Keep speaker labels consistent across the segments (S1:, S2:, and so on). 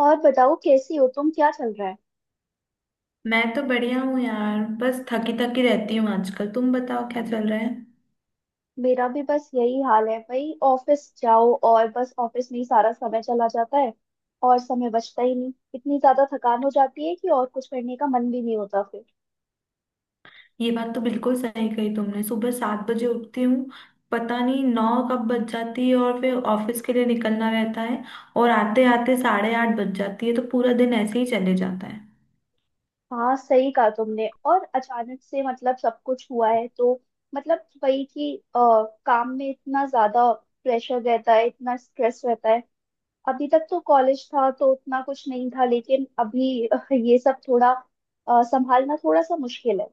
S1: और बताओ, कैसी हो तुम? क्या चल रहा है?
S2: मैं तो बढ़िया हूँ यार। बस थकी थकी रहती हूँ आजकल। तुम बताओ क्या चल रहा है।
S1: मेरा भी बस यही हाल है भाई। ऑफिस जाओ और बस ऑफिस में ही सारा समय चला जाता है। और समय बचता ही नहीं, इतनी ज्यादा थकान हो जाती है कि और कुछ करने का मन भी नहीं होता फिर।
S2: ये बात तो बिल्कुल सही कही तुमने। सुबह 7 बजे उठती हूँ। पता नहीं 9 कब बज जाती है और फिर ऑफिस के लिए निकलना रहता है। और आते आते 8:30 बज जाती है, तो पूरा दिन ऐसे ही चले जाता है।
S1: हाँ, सही कहा तुमने। और अचानक से मतलब सब कुछ हुआ है, तो मतलब वही कि काम में इतना ज्यादा प्रेशर रहता है, इतना स्ट्रेस रहता है। अभी तक तो कॉलेज था तो उतना कुछ नहीं था, लेकिन अभी ये सब थोड़ा संभालना थोड़ा सा मुश्किल है।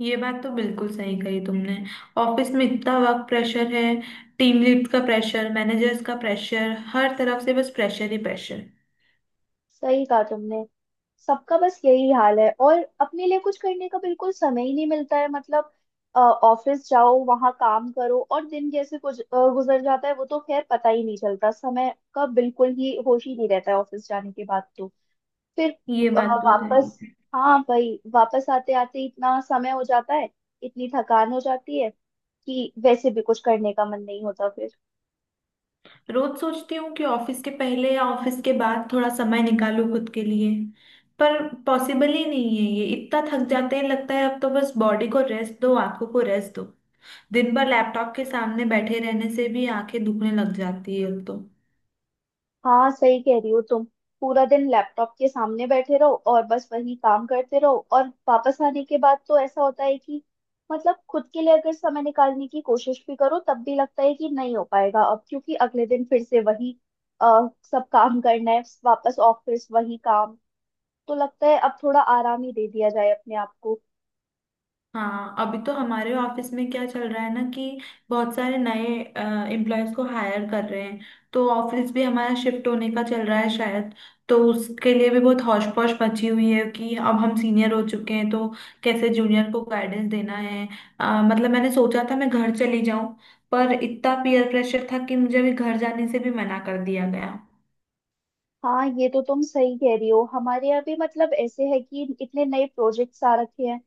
S2: ये बात तो बिल्कुल सही कही तुमने। ऑफिस में इतना वर्क प्रेशर है। टीम लीड का प्रेशर, मैनेजर्स का प्रेशर, हर तरफ से बस प्रेशर ही प्रेशर।
S1: सही कहा तुमने। सबका बस यही हाल है, और अपने लिए कुछ करने का बिल्कुल समय ही नहीं मिलता है मतलब। ऑफिस जाओ, वहां काम करो, और दिन कैसे कुछ गुजर जाता है वो तो खैर पता ही नहीं चलता। समय का बिल्कुल ही होश ही नहीं रहता है ऑफिस जाने के बाद तो। फिर
S2: ये
S1: अ,
S2: बात तो सही।
S1: वापस, हाँ भाई, वापस आते आते इतना समय हो जाता है, इतनी थकान हो जाती है कि वैसे भी कुछ करने का मन नहीं होता फिर।
S2: रोज सोचती हूँ कि ऑफिस के पहले या ऑफिस के बाद थोड़ा समय निकालूं खुद के लिए, पर पॉसिबल ही नहीं है ये। इतना थक जाते हैं, लगता है अब तो बस बॉडी को रेस्ट दो, आंखों को रेस्ट दो। दिन भर लैपटॉप के सामने बैठे रहने से भी आंखें दुखने लग जाती है अब तो।
S1: हाँ, सही कह रही हो तुम। पूरा दिन लैपटॉप के सामने बैठे रहो और बस वही काम करते रहो, और वापस आने के बाद तो ऐसा होता है कि मतलब खुद के लिए अगर समय निकालने की कोशिश भी करो तब भी लगता है कि नहीं हो पाएगा अब, क्योंकि अगले दिन फिर से वही सब काम करना है, वापस ऑफिस वही काम। तो लगता है अब थोड़ा आराम ही दे दिया जाए अपने आप को।
S2: हाँ। अभी तो हमारे ऑफिस में क्या चल रहा है ना कि बहुत सारे नए एम्प्लॉयज को हायर कर रहे हैं। तो ऑफिस भी हमारा शिफ्ट होने का चल रहा है शायद। तो उसके लिए भी बहुत हौश पौश मची हुई है कि अब हम सीनियर हो चुके हैं, तो कैसे जूनियर को गाइडेंस देना है। मतलब मैंने सोचा था मैं घर चली जाऊं, पर इतना पीयर प्रेशर था कि मुझे अभी घर जाने से भी मना कर दिया गया।
S1: हाँ, ये तो तुम सही कह रही हो। हमारे यहाँ भी मतलब ऐसे है कि इतने नए प्रोजेक्ट्स आ रखे हैं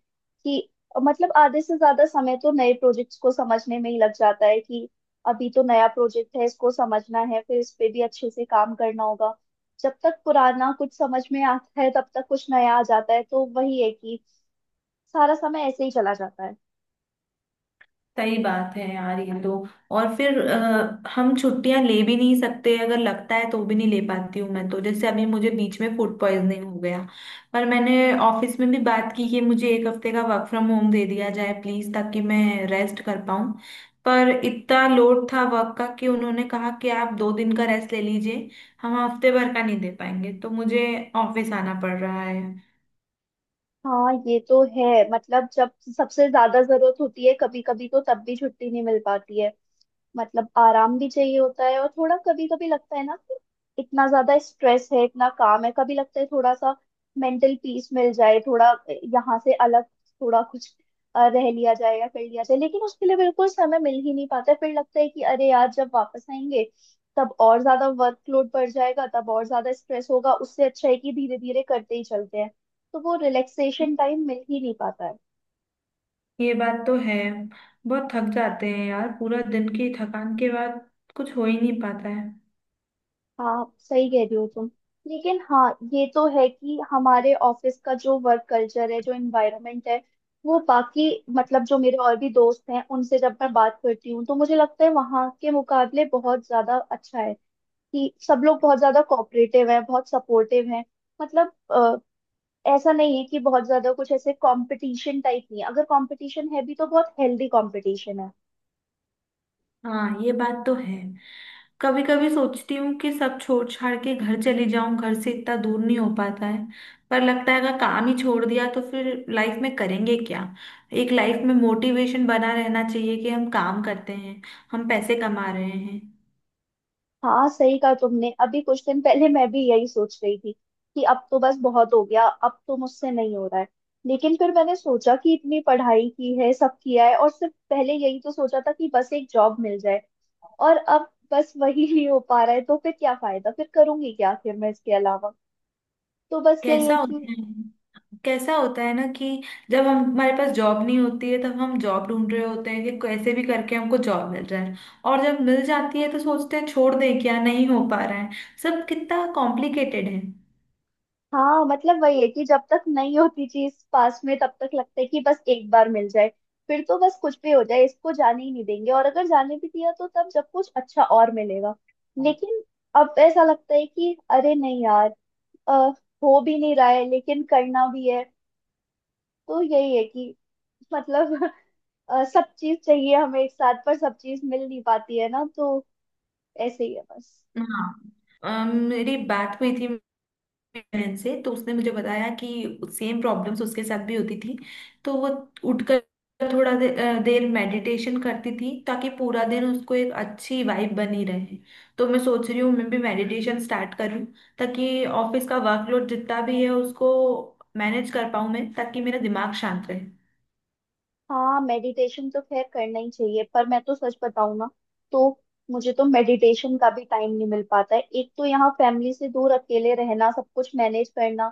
S1: कि मतलब आधे से ज्यादा समय तो नए प्रोजेक्ट्स को समझने में ही लग जाता है कि अभी तो नया प्रोजेक्ट है, इसको समझना है, फिर इस पे भी अच्छे से काम करना होगा। जब तक पुराना कुछ समझ में आता है, तब तक कुछ नया आ जाता है, तो वही है कि सारा समय ऐसे ही चला जाता है।
S2: सही बात है यार ये तो। और फिर हम छुट्टियां ले भी नहीं सकते। अगर लगता है तो भी नहीं ले पाती हूँ मैं। तो जैसे अभी मुझे बीच में फूड पॉइजनिंग हो गया, पर मैंने ऑफिस में भी बात की कि मुझे एक हफ्ते का वर्क फ्रॉम होम दे दिया जाए प्लीज, ताकि मैं रेस्ट कर पाऊँ। पर इतना लोड था वर्क का कि उन्होंने कहा कि आप 2 दिन का रेस्ट ले लीजिए, हम हफ्ते भर का नहीं दे पाएंगे। तो मुझे ऑफिस आना पड़ रहा है।
S1: हाँ, ये तो है। मतलब जब सबसे ज्यादा जरूरत होती है कभी कभी, तो तब भी छुट्टी नहीं मिल पाती है। मतलब आराम भी चाहिए होता है, और थोड़ा कभी कभी लगता है ना कि इतना ज्यादा स्ट्रेस है, इतना काम है। कभी लगता है थोड़ा सा मेंटल पीस मिल जाए, थोड़ा यहाँ से अलग, थोड़ा कुछ रह लिया जाए या कर लिया जाए, लेकिन उसके लिए बिल्कुल समय मिल ही नहीं पाता है। फिर लगता है कि अरे यार, जब वापस आएंगे तब और ज्यादा वर्कलोड बढ़ जाएगा, तब और ज्यादा स्ट्रेस होगा। उससे अच्छा है कि धीरे धीरे करते ही चलते हैं। तो वो रिलैक्सेशन टाइम मिल ही नहीं पाता है।
S2: ये बात तो है। बहुत थक जाते हैं यार, पूरा दिन की थकान के बाद कुछ हो ही नहीं पाता है।
S1: हाँ, सही कह रही हो तुम। लेकिन हाँ, ये तो है कि हमारे ऑफिस का जो वर्क कल्चर है, जो एनवायरनमेंट है, वो बाकी मतलब जो मेरे और भी दोस्त हैं, उनसे जब मैं बात करती हूँ, तो मुझे लगता है वहाँ के मुकाबले बहुत ज्यादा अच्छा है। कि सब लोग बहुत ज्यादा कोऑपरेटिव हैं, बहुत सपोर्टिव हैं। मतलब ऐसा नहीं है कि बहुत ज्यादा कुछ ऐसे कंपटीशन टाइप नहीं है। अगर कंपटीशन है भी तो बहुत हेल्दी कंपटीशन है।
S2: हाँ ये बात तो है। कभी कभी सोचती हूँ कि सब छोड़ छाड़ के घर चली जाऊं, घर से इतना दूर नहीं हो पाता है। पर लगता है अगर काम ही छोड़ दिया तो फिर लाइफ में करेंगे क्या। एक लाइफ में मोटिवेशन बना रहना चाहिए कि हम काम करते हैं, हम पैसे कमा रहे हैं।
S1: हाँ, सही कहा तुमने। अभी कुछ दिन पहले मैं भी यही सोच रही थी कि अब तो बस बहुत हो गया, अब तो मुझसे नहीं हो रहा है। लेकिन फिर मैंने सोचा कि इतनी पढ़ाई की है, सब किया है, और सिर्फ पहले यही तो सोचा था कि बस एक जॉब मिल जाए, और अब बस वही नहीं हो पा रहा है तो फिर क्या फायदा? फिर करूंगी क्या फिर मैं इसके अलावा? तो बस यही
S2: कैसा
S1: है कि
S2: होता है कैसा होता है ना कि जब हम, हमारे पास जॉब नहीं होती है, तब हम जॉब ढूंढ रहे होते हैं कि कैसे भी करके हमको जॉब मिल जाए। और जब मिल जाती है तो सोचते हैं छोड़ दें क्या, नहीं हो पा रहा है। सब कितना कॉम्प्लिकेटेड है।
S1: हाँ, मतलब वही है कि जब तक नहीं होती चीज पास में तब तक लगता है कि बस एक बार मिल जाए, फिर तो बस कुछ भी हो जाए इसको जाने ही नहीं देंगे। और अगर जाने भी दिया तो तब, जब कुछ अच्छा और मिलेगा। लेकिन अब ऐसा लगता है कि अरे नहीं यार, अ, हो भी नहीं रहा है, लेकिन करना भी है। तो यही है कि मतलब सब चीज चाहिए हमें एक साथ, पर सब चीज मिल नहीं पाती है ना, तो ऐसे ही है बस।
S2: हाँ। मेरी बात हुई थी बहन से, तो उसने मुझे बताया कि सेम प्रॉब्लम्स उसके साथ भी होती थी। तो वो उठकर थोड़ा देर मेडिटेशन करती थी, ताकि पूरा दिन उसको एक अच्छी वाइब बनी रहे। तो मैं सोच रही हूँ मैं भी मेडिटेशन स्टार्ट करूँ, ताकि ऑफिस का वर्कलोड जितना भी है उसको मैनेज कर पाऊँ मैं, ताकि मेरा दिमाग शांत रहे।
S1: हाँ, मेडिटेशन तो खैर करना ही चाहिए, पर मैं तो सच बताऊँ ना, तो मुझे तो मेडिटेशन का भी टाइम नहीं मिल पाता है। एक तो यहाँ फैमिली से दूर अकेले रहना, सब कुछ मैनेज करना,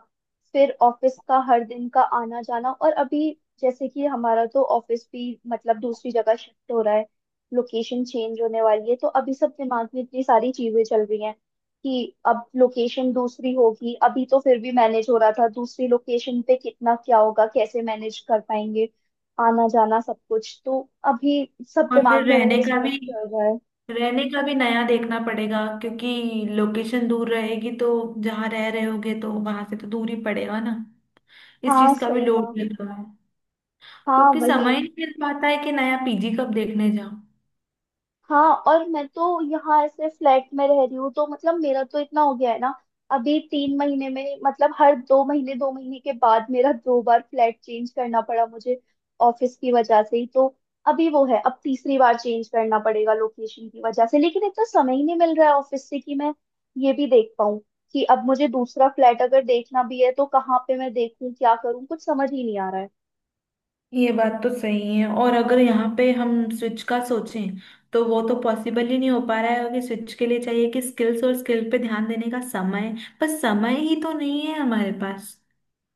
S1: फिर ऑफिस का हर दिन का आना जाना, और अभी जैसे कि हमारा तो ऑफिस भी मतलब दूसरी जगह शिफ्ट हो रहा है। लोकेशन चेंज होने वाली है, तो अभी सब दिमाग में इतनी सारी चीजें चल रही हैं कि अब लोकेशन दूसरी होगी। अभी तो फिर भी मैनेज हो रहा था, दूसरी लोकेशन पे कितना क्या होगा, कैसे मैनेज कर पाएंगे आना जाना सब कुछ। तो अभी सब
S2: और फिर
S1: दिमाग में
S2: रहने
S1: वही
S2: का
S1: स्ट्रेस
S2: भी,
S1: चल रहा है।
S2: नया देखना पड़ेगा, क्योंकि लोकेशन दूर रहेगी, तो जहाँ रह रहे होगे तो वहां से तो दूर ही पड़ेगा ना। इस
S1: हाँ,
S2: चीज का भी
S1: सही
S2: लोड
S1: कहा।
S2: लगेगा,
S1: हाँ,
S2: क्योंकि
S1: वही।
S2: समय नहीं मिल पाता है कि नया पीजी कब देखने जाऊं।
S1: हाँ, और मैं तो यहाँ ऐसे फ्लैट में रह रही हूँ तो मतलब मेरा तो इतना हो गया है ना, अभी 3 महीने में मतलब हर 2 महीने 2 महीने के बाद मेरा 2 बार फ्लैट चेंज करना पड़ा मुझे, ऑफिस की वजह से ही। तो अभी वो है, अब तीसरी बार चेंज करना पड़ेगा लोकेशन की वजह से, लेकिन इतना समय ही नहीं मिल रहा है ऑफिस से कि मैं ये भी देख पाऊँ कि अब मुझे दूसरा फ्लैट अगर देखना भी है तो कहाँ पे मैं देखूँ, क्या करूँ, कुछ समझ ही नहीं आ रहा है।
S2: ये बात तो सही है। और अगर यहाँ पे हम स्विच का सोचें तो वो तो पॉसिबल ही नहीं हो पा रहा है, क्योंकि स्विच के लिए चाहिए कि स्किल्स और स्किल पे ध्यान देने का समय, पर समय ही तो नहीं है हमारे पास।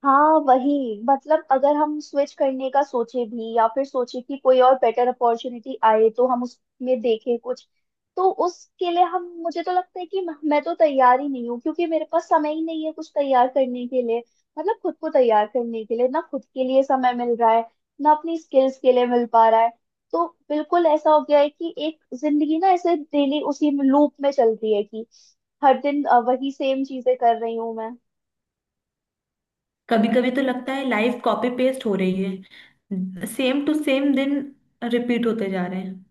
S1: हाँ, वही। मतलब अगर हम स्विच करने का सोचे भी या फिर सोचे कि कोई और बेटर अपॉर्चुनिटी आए तो हम उसमें देखें कुछ, तो उसके लिए हम मुझे तो लगता है कि मैं तो तैयार ही नहीं हूँ, क्योंकि मेरे पास समय ही नहीं है कुछ तैयार करने के लिए। मतलब खुद को तैयार करने के लिए ना खुद के लिए समय मिल रहा है, ना अपनी स्किल्स के लिए मिल पा रहा है। तो बिल्कुल ऐसा हो गया है कि एक जिंदगी ना ऐसे डेली उसी लूप में चलती है कि हर दिन वही सेम चीजें कर रही हूँ मैं।
S2: कभी कभी तो लगता है लाइफ कॉपी पेस्ट हो रही है, सेम टू सेम दिन रिपीट होते जा रहे हैं।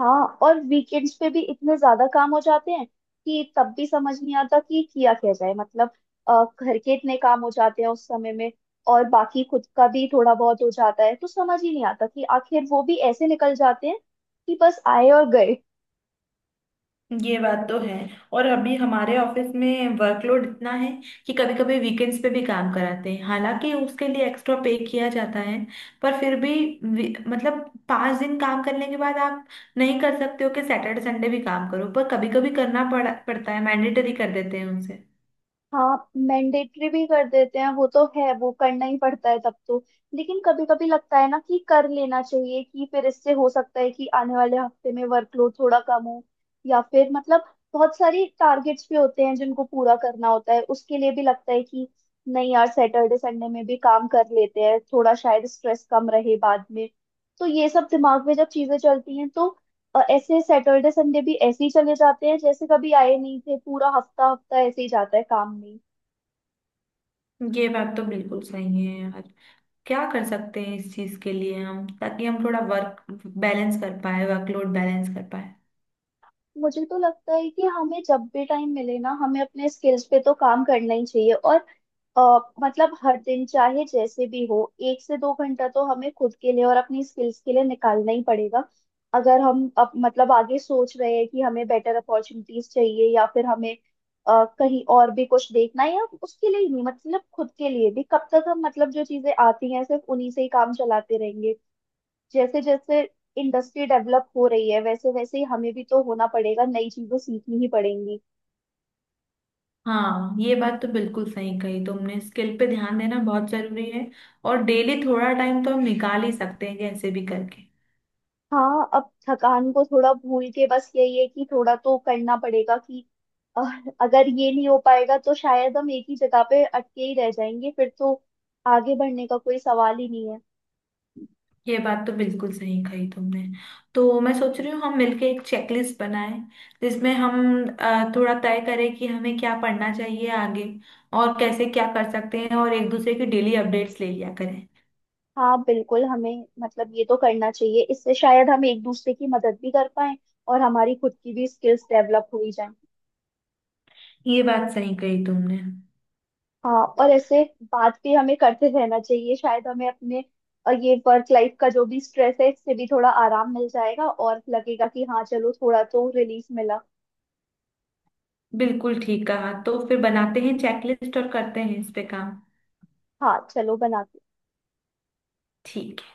S1: हाँ, और वीकेंड्स पे भी इतने ज्यादा काम हो जाते हैं कि तब भी समझ नहीं आता कि किया क्या जाए मतलब। घर के इतने काम हो जाते हैं उस समय में, और बाकी खुद का भी थोड़ा बहुत हो जाता है, तो समझ ही नहीं आता कि आखिर वो भी ऐसे निकल जाते हैं कि बस आए और गए।
S2: ये बात तो है। और अभी हमारे ऑफिस में वर्कलोड इतना है कि कभी कभी वीकेंड्स पे भी काम कराते हैं, हालांकि उसके लिए एक्स्ट्रा पे किया जाता है। पर फिर भी मतलब 5 दिन काम करने के बाद आप नहीं कर सकते हो कि सैटरडे संडे भी काम करो, पर कभी कभी करना पड़ता है। मैंडेटरी कर देते हैं उनसे।
S1: हाँ, मैंडेटरी भी कर देते हैं वो तो है, वो करना ही पड़ता है तब तो। लेकिन कभी कभी लगता है ना कि कर लेना चाहिए, कि फिर इससे हो सकता है कि आने वाले हफ्ते में वर्कलोड थोड़ा कम हो, या फिर मतलब बहुत सारी टारगेट्स भी होते हैं जिनको पूरा करना होता है, उसके लिए भी लगता है कि नहीं यार, सैटरडे संडे में भी काम कर लेते हैं थोड़ा, शायद स्ट्रेस कम रहे बाद में। तो ये सब दिमाग में जब चीजें चलती हैं तो, और ऐसे सैटरडे संडे भी ऐसे ही चले जाते हैं जैसे कभी आए नहीं थे। पूरा हफ्ता हफ्ता ऐसे ही जाता है काम में।
S2: ये बात तो बिल्कुल सही है यार। क्या कर सकते हैं इस चीज के लिए हम, ताकि हम थोड़ा वर्क बैलेंस कर पाए, वर्कलोड बैलेंस कर पाए।
S1: मुझे तो लगता है कि हमें जब भी टाइम मिले ना, हमें अपने स्किल्स पे तो काम करना ही चाहिए। और मतलब हर दिन चाहे जैसे भी हो, एक से दो घंटा तो हमें खुद के लिए और अपनी स्किल्स के लिए निकालना ही पड़ेगा। अगर हम अब मतलब आगे सोच रहे हैं कि हमें बेटर अपॉर्चुनिटीज चाहिए, या फिर हमें कहीं और भी कुछ देखना है, या उसके लिए ही नहीं, मतलब खुद के लिए भी कब तक हम मतलब जो चीजें आती हैं सिर्फ उन्हीं से ही काम चलाते रहेंगे? जैसे जैसे इंडस्ट्री डेवलप हो रही है, वैसे वैसे ही हमें भी तो होना पड़ेगा, नई चीजें सीखनी ही पड़ेंगी।
S2: हाँ ये बात तो बिल्कुल सही कही तुमने। स्किल पे ध्यान देना बहुत जरूरी है। और डेली थोड़ा टाइम तो हम निकाल ही सकते हैं कैसे भी करके।
S1: हाँ, अब थकान को थोड़ा भूल के बस यही है कि थोड़ा तो करना पड़ेगा कि अह, अगर ये नहीं हो पाएगा तो शायद हम एक ही जगह पे अटके ही रह जाएंगे फिर तो। आगे बढ़ने का कोई सवाल ही नहीं है।
S2: ये बात तो बिल्कुल सही कही तुमने। तो मैं सोच रही हूँ हम मिलके एक चेकलिस्ट बनाएं जिसमें हम थोड़ा तय करें कि हमें क्या पढ़ना चाहिए आगे, और कैसे क्या कर सकते हैं, और एक दूसरे की डेली अपडेट्स ले लिया करें।
S1: हाँ बिल्कुल, हमें मतलब ये तो करना चाहिए, इससे शायद हम एक दूसरे की मदद भी कर पाए, और हमारी खुद की भी स्किल्स डेवलप हो ही जाए।
S2: ये बात सही कही तुमने।
S1: हाँ, और ऐसे बात भी हमें करते रहना चाहिए, शायद हमें अपने ये वर्क लाइफ का जो भी स्ट्रेस है इससे भी थोड़ा आराम मिल जाएगा, और लगेगा कि हाँ चलो, थोड़ा तो रिलीफ मिला।
S2: बिल्कुल ठीक कहा। तो फिर बनाते हैं चेकलिस्ट और करते हैं इस पे काम।
S1: हाँ चलो बनाते
S2: ठीक है।